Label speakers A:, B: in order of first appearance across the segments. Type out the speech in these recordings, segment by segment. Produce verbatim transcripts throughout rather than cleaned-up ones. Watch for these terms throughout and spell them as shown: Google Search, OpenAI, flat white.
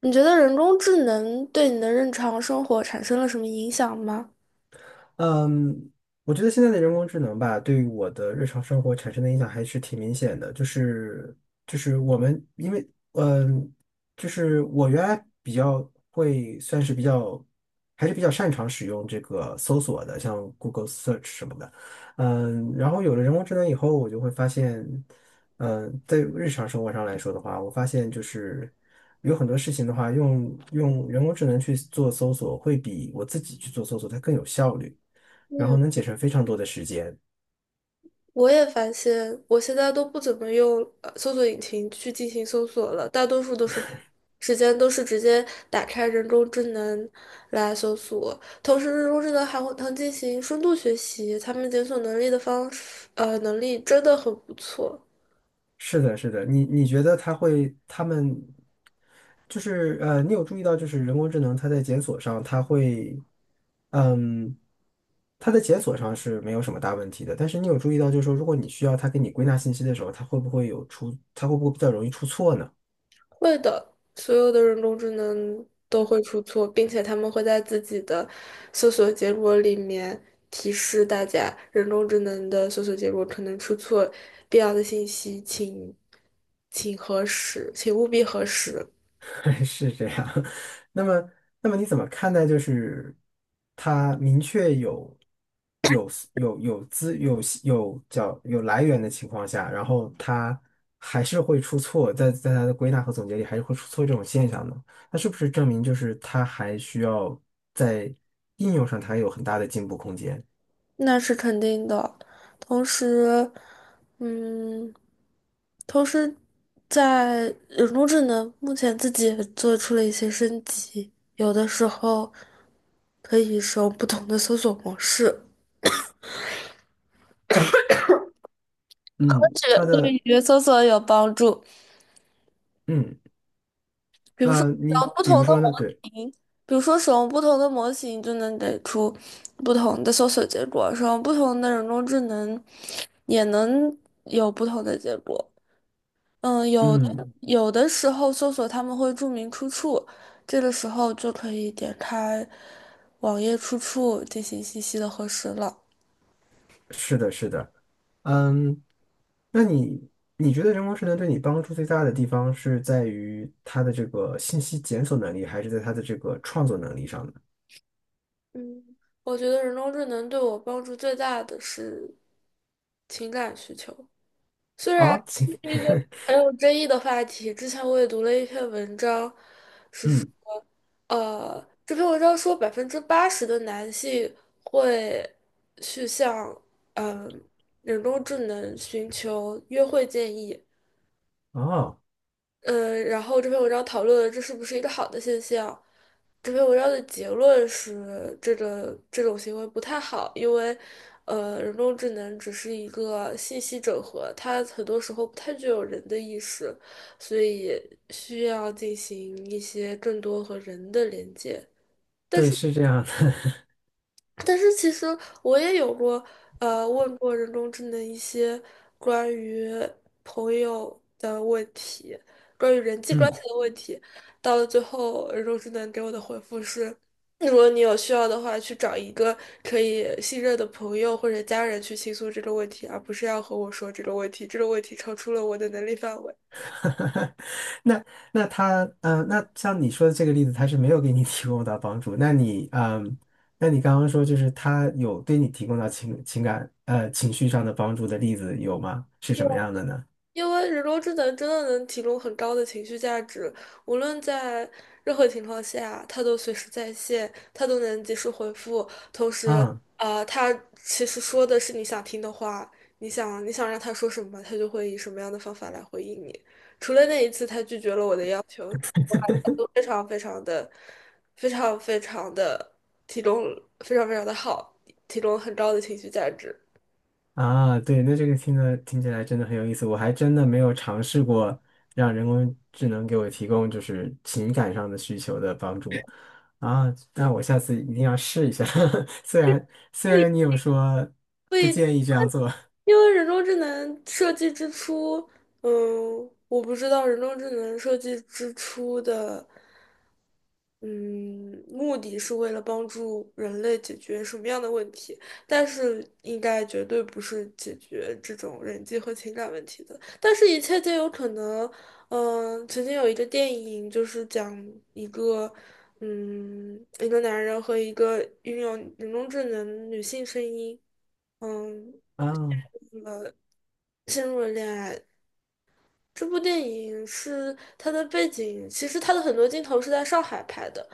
A: 你觉得人工智能对你的日常生活产生了什么影响吗？
B: 嗯，我觉得现在的人工智能吧，对于我的日常生活产生的影响还是挺明显的。就是就是我们因为嗯，就是我原来比较会算是比较还是比较擅长使用这个搜索的，像 Google Search 什么的。嗯，然后有了人工智能以后，我就会发现，嗯，在日常生活上来说的话，我发现就是有很多事情的话，用用人工智能去做搜索，会比我自己去做搜索它更有效率。然后
A: 嗯，
B: 能节省非常多的时间。
A: 我也发现，我现在都不怎么用呃搜索引擎去进行搜索了，大多数都是时间都是直接打开人工智能来搜索。同时，人工智能还会能进行深度学习，他们检索能力的方式呃，能力真的很不错。
B: 是的，是的，你你觉得它会，他们就是呃，你有注意到就是人工智能它在检索上，它会，嗯，它在检索上是没有什么大问题的，但是你有注意到就是说，如果你需要它给你归纳信息的时候，它会不会有出，它会不会比较容易出错呢？
A: 会的，所有的人工智能都会出错，并且他们会在自己的搜索结果里面提示大家，人工智能的搜索结果可能出错，必要的信息请请核实，请务必核实。
B: 是这样。那么，那么你怎么看待就是它明确有有有有资有有叫有来源的情况下，然后它还是会出错，在在它的归纳和总结里还是会出错这种现象呢？那是不是证明就是它还需要在应用上它有很大的进步空间？
A: 那是肯定的。同时，嗯，同时在人工智能目前自己也做出了一些升级，有的时候可以使用不同的搜索模式，
B: 嗯，
A: 这
B: 它
A: 个
B: 的
A: 对于搜索有帮助。
B: 嗯
A: 比如说
B: 呃，
A: 使
B: 你
A: 用不
B: 比
A: 同
B: 如
A: 的
B: 说
A: 模
B: 呢？对，
A: 型，比如说使用不同的模型就能给出不同的搜索结果，使用不同的人工智能也能有不同的结果。嗯，有的
B: 嗯。
A: 有的时候搜索他们会注明出处，这个时候就可以点开网页出处进行信息的核实了。
B: 嗯，那你你觉得人工智能对你帮助最大的地方是在于它的这个信息检索能力，还是在它的这个创作能力上呢？
A: 嗯，我觉得人工智能对我帮助最大的是情感需求，虽然
B: 啊、请
A: 这是一个很 有争议的话题，之前我也读了一篇文章，
B: 嗯，
A: 呃，这篇文章说百分之八十的男性会去向嗯、呃人工智能寻求约会建议，
B: 哦，
A: 嗯、然后这篇文章讨论了这是不是一个好的现象。这篇文章的结论是，这个这种行为不太好，因为呃，人工智能只是一个信息整合，它很多时候不太具有人的意识，所以需要进行一些更多和人的连接。
B: 对，是这样的，
A: 但是其实我也有过，呃，问过人工智能一些关于朋友的问题，关于人 际关系
B: 嗯，
A: 的问题，到了最后，人工智能给我的回复是，如果你有需要的话，去找一个可以信任的朋友或者家人去倾诉这个问题，而不是要和我说这个问题，这个问题超出了我的能力范围。
B: 那那他，嗯、呃，那像你说的这个例子，他是没有给你提供到帮助。那你，嗯、那你刚刚说就是他有对你提供到情情感呃情绪上的帮助的例子有吗？是什么样的呢？
A: 因为人工智能真的能提供很高的情绪价值，无论在任何情况下，它都随时在线，它都能及时回复。
B: 嗯。
A: 啊、它其实说的是你想听的话，你想你想让他说什么，他就会以什么样的方法来回应你。除了那一次他拒绝了我的要求，都非常非常的、非常非常的提供非常非常的好，提供很高的情绪价值。
B: 啊，对，那这个听的听起来真的很有意思，我还真的没有尝试过让人工智能给我提供就是情感上的需求的帮助啊，那我下次一定要试一下。虽然虽然你有说
A: 不
B: 不
A: 一定。
B: 建议这样做
A: 因为人工智能设计之初，嗯，我不知道人工智能设计之初的，嗯，目的是为了帮助人类解决什么样的问题，但是应该绝对不是解决这种人际和情感问题的。但是，一切皆有可能。嗯，曾经有一个电影，就是讲一个，嗯，一个男人和一个拥有人工智能女性声音。嗯，
B: 啊，
A: 陷入了恋爱。这部电影是它的背景，其实它的很多镜头是在上海拍的，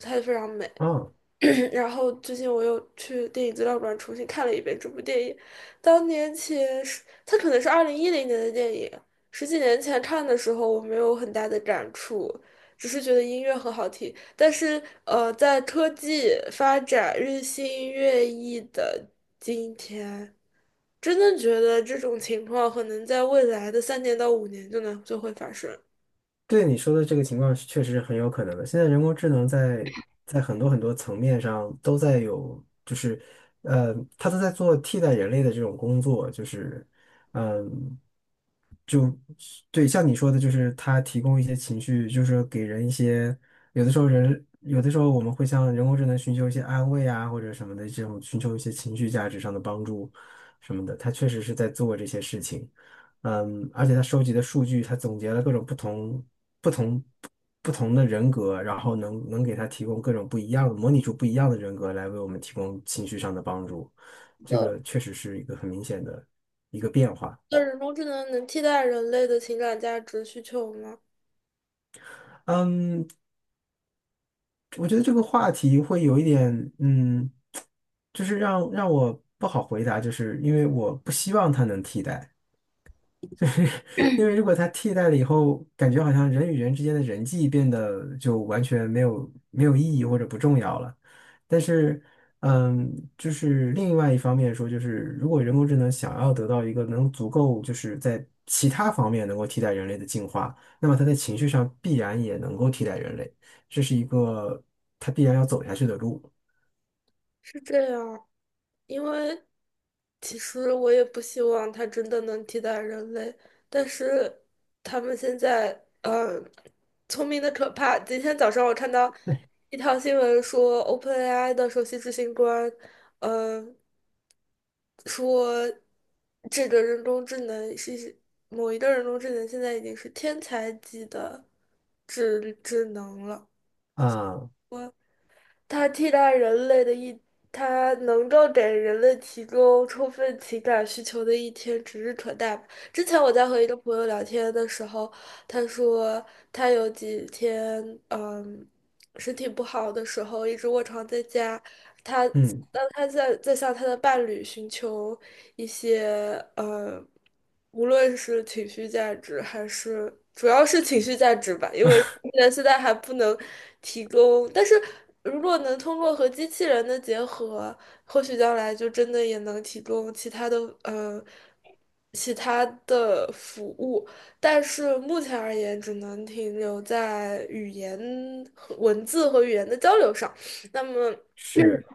A: 拍的非常美。
B: 哦，
A: 然后最近我又去电影资料馆重新看了一遍这部电影，当年前是它可能是二零一零年的电影，十几年前看的时候我没有很大的感触，只是觉得音乐很好听。但是呃，在科技发展日新月异的今天。真的觉得这种情况可能在未来的三年到五年就能就会发生
B: 对你说的这个情况是确实是很有可能的。现在人工智能在在很多很多层面上都在有，就是呃，它都在做替代人类的这种工作，就是。嗯，对，像你说的，就是它提供一些情绪，就是说给人一些，有的时候人，有的时候我们会向人工智能寻求一些安慰啊，或者什么的这种，寻求一些情绪价值上的帮助什么的。它确实是在做这些事情，嗯，而且它收集的数据，它总结了各种不同、不同、不同的人格，然后能能给它提供各种不一样的，模拟出不一样的人格来为我们提供情绪上的帮助。这
A: 的。
B: 个确实是一个很明显的一个变化。
A: 那人工智能能替代人类的情感价值需求吗？
B: 嗯，我觉得这个话题会有一点，嗯，就是让让我不好回答，就是因为我不希望它能替代。因为如果它替代了以后，感觉好像人与人之间的人际变得就完全没有没有意义或者不重要了。但是，嗯，就是另外一方面说，就是如果人工智能想要得到一个能足够就是在其他方面能够替代人类的进化，那么它在情绪上必然也能够替代人类，这是一个它必然要走下去的路。
A: 是这样，因为其实我也不希望它真的能替代人类，但是他们现在嗯，聪明的可怕。今天早上我看到
B: 对
A: 一条新闻说，OpenAI 的首席执行官，嗯、说这个人工智能是某一个人工智能现在已经是天才级的智智能了。
B: 啊，
A: 它替代人类的一，它能够给人类提供充分情感需求的一天指日可待吧之前我在和一个朋友聊天的时候，他说他有几天，嗯，身体不好的时候，一直卧床在家，他，
B: 嗯，
A: 当他在在向他的伴侣寻求一些，嗯，无论是情绪价值还是，主要是情绪价值吧，因为。人现在还不能提供，但是如果能通过和机器人的结合，或许将来就真的也能提供其他的呃其他的服务，但是目前而言，只能停留在语言和文字和语言的交流上。那么。
B: 是，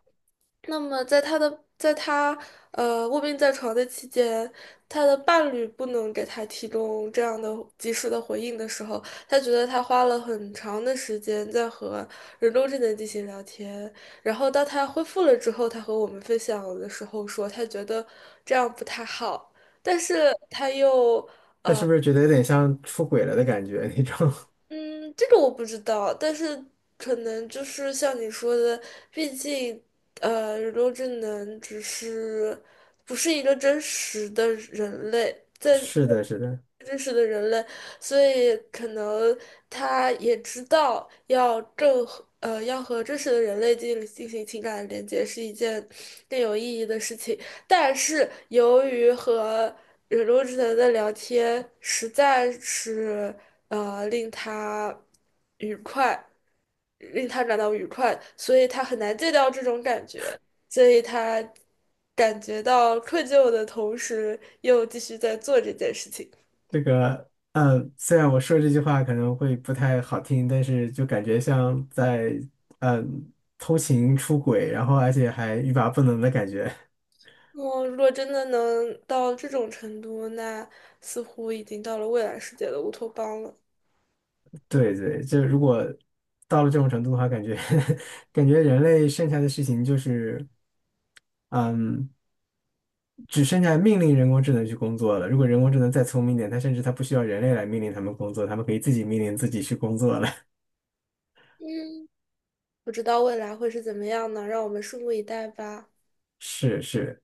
A: 那么在他的在他呃卧病在床的期间，他的伴侣不能给他提供这样的及时的回应的时候，他觉得他花了很长的时间在和人工智能进行聊天，然后当他恢复了之后，他和我们分享的时候说，他觉得这样不太好，但是他又
B: 那是不是觉得有点像出轨了的感觉 那种？
A: 嗯，这个我不知道，但是可能就是像你说的，毕竟呃，人工智能只是不是一个真实的人类，在
B: 是的，是的。
A: 真实的人类，所以可能他也知道要正和呃要和真实的人类进进行情感连接是一件更有意义的事情，但是由于和忍工智能的聊天实在是呃令他愉快，令他感到愉快，所以他很难戒掉这种感觉，所以他感觉到愧疚的同时，又继续在做这件事情。
B: 这个，嗯，虽然我说这句话可能会不太好听，但是就感觉像在，嗯，偷情出轨，然后而且还欲罢不能的感觉。
A: 我如果真的能到这种程度，那似乎已经到了未来世界的乌托邦了。
B: 对对，就如果到了这种程度的话，感觉 感觉人类剩下的事情就是，嗯，只剩下命令人工智能去工作了。如果人工智能再聪明一点，它甚至它不需要人类来命令他们工作，他们可以自己命令自己去工作了。
A: 嗯，不知道未来会是怎么样呢？让我们拭目以待吧。
B: 是是，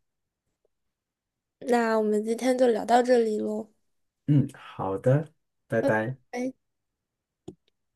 A: 那我们今天就聊到这里喽，
B: 嗯，好的，拜拜。
A: 哎，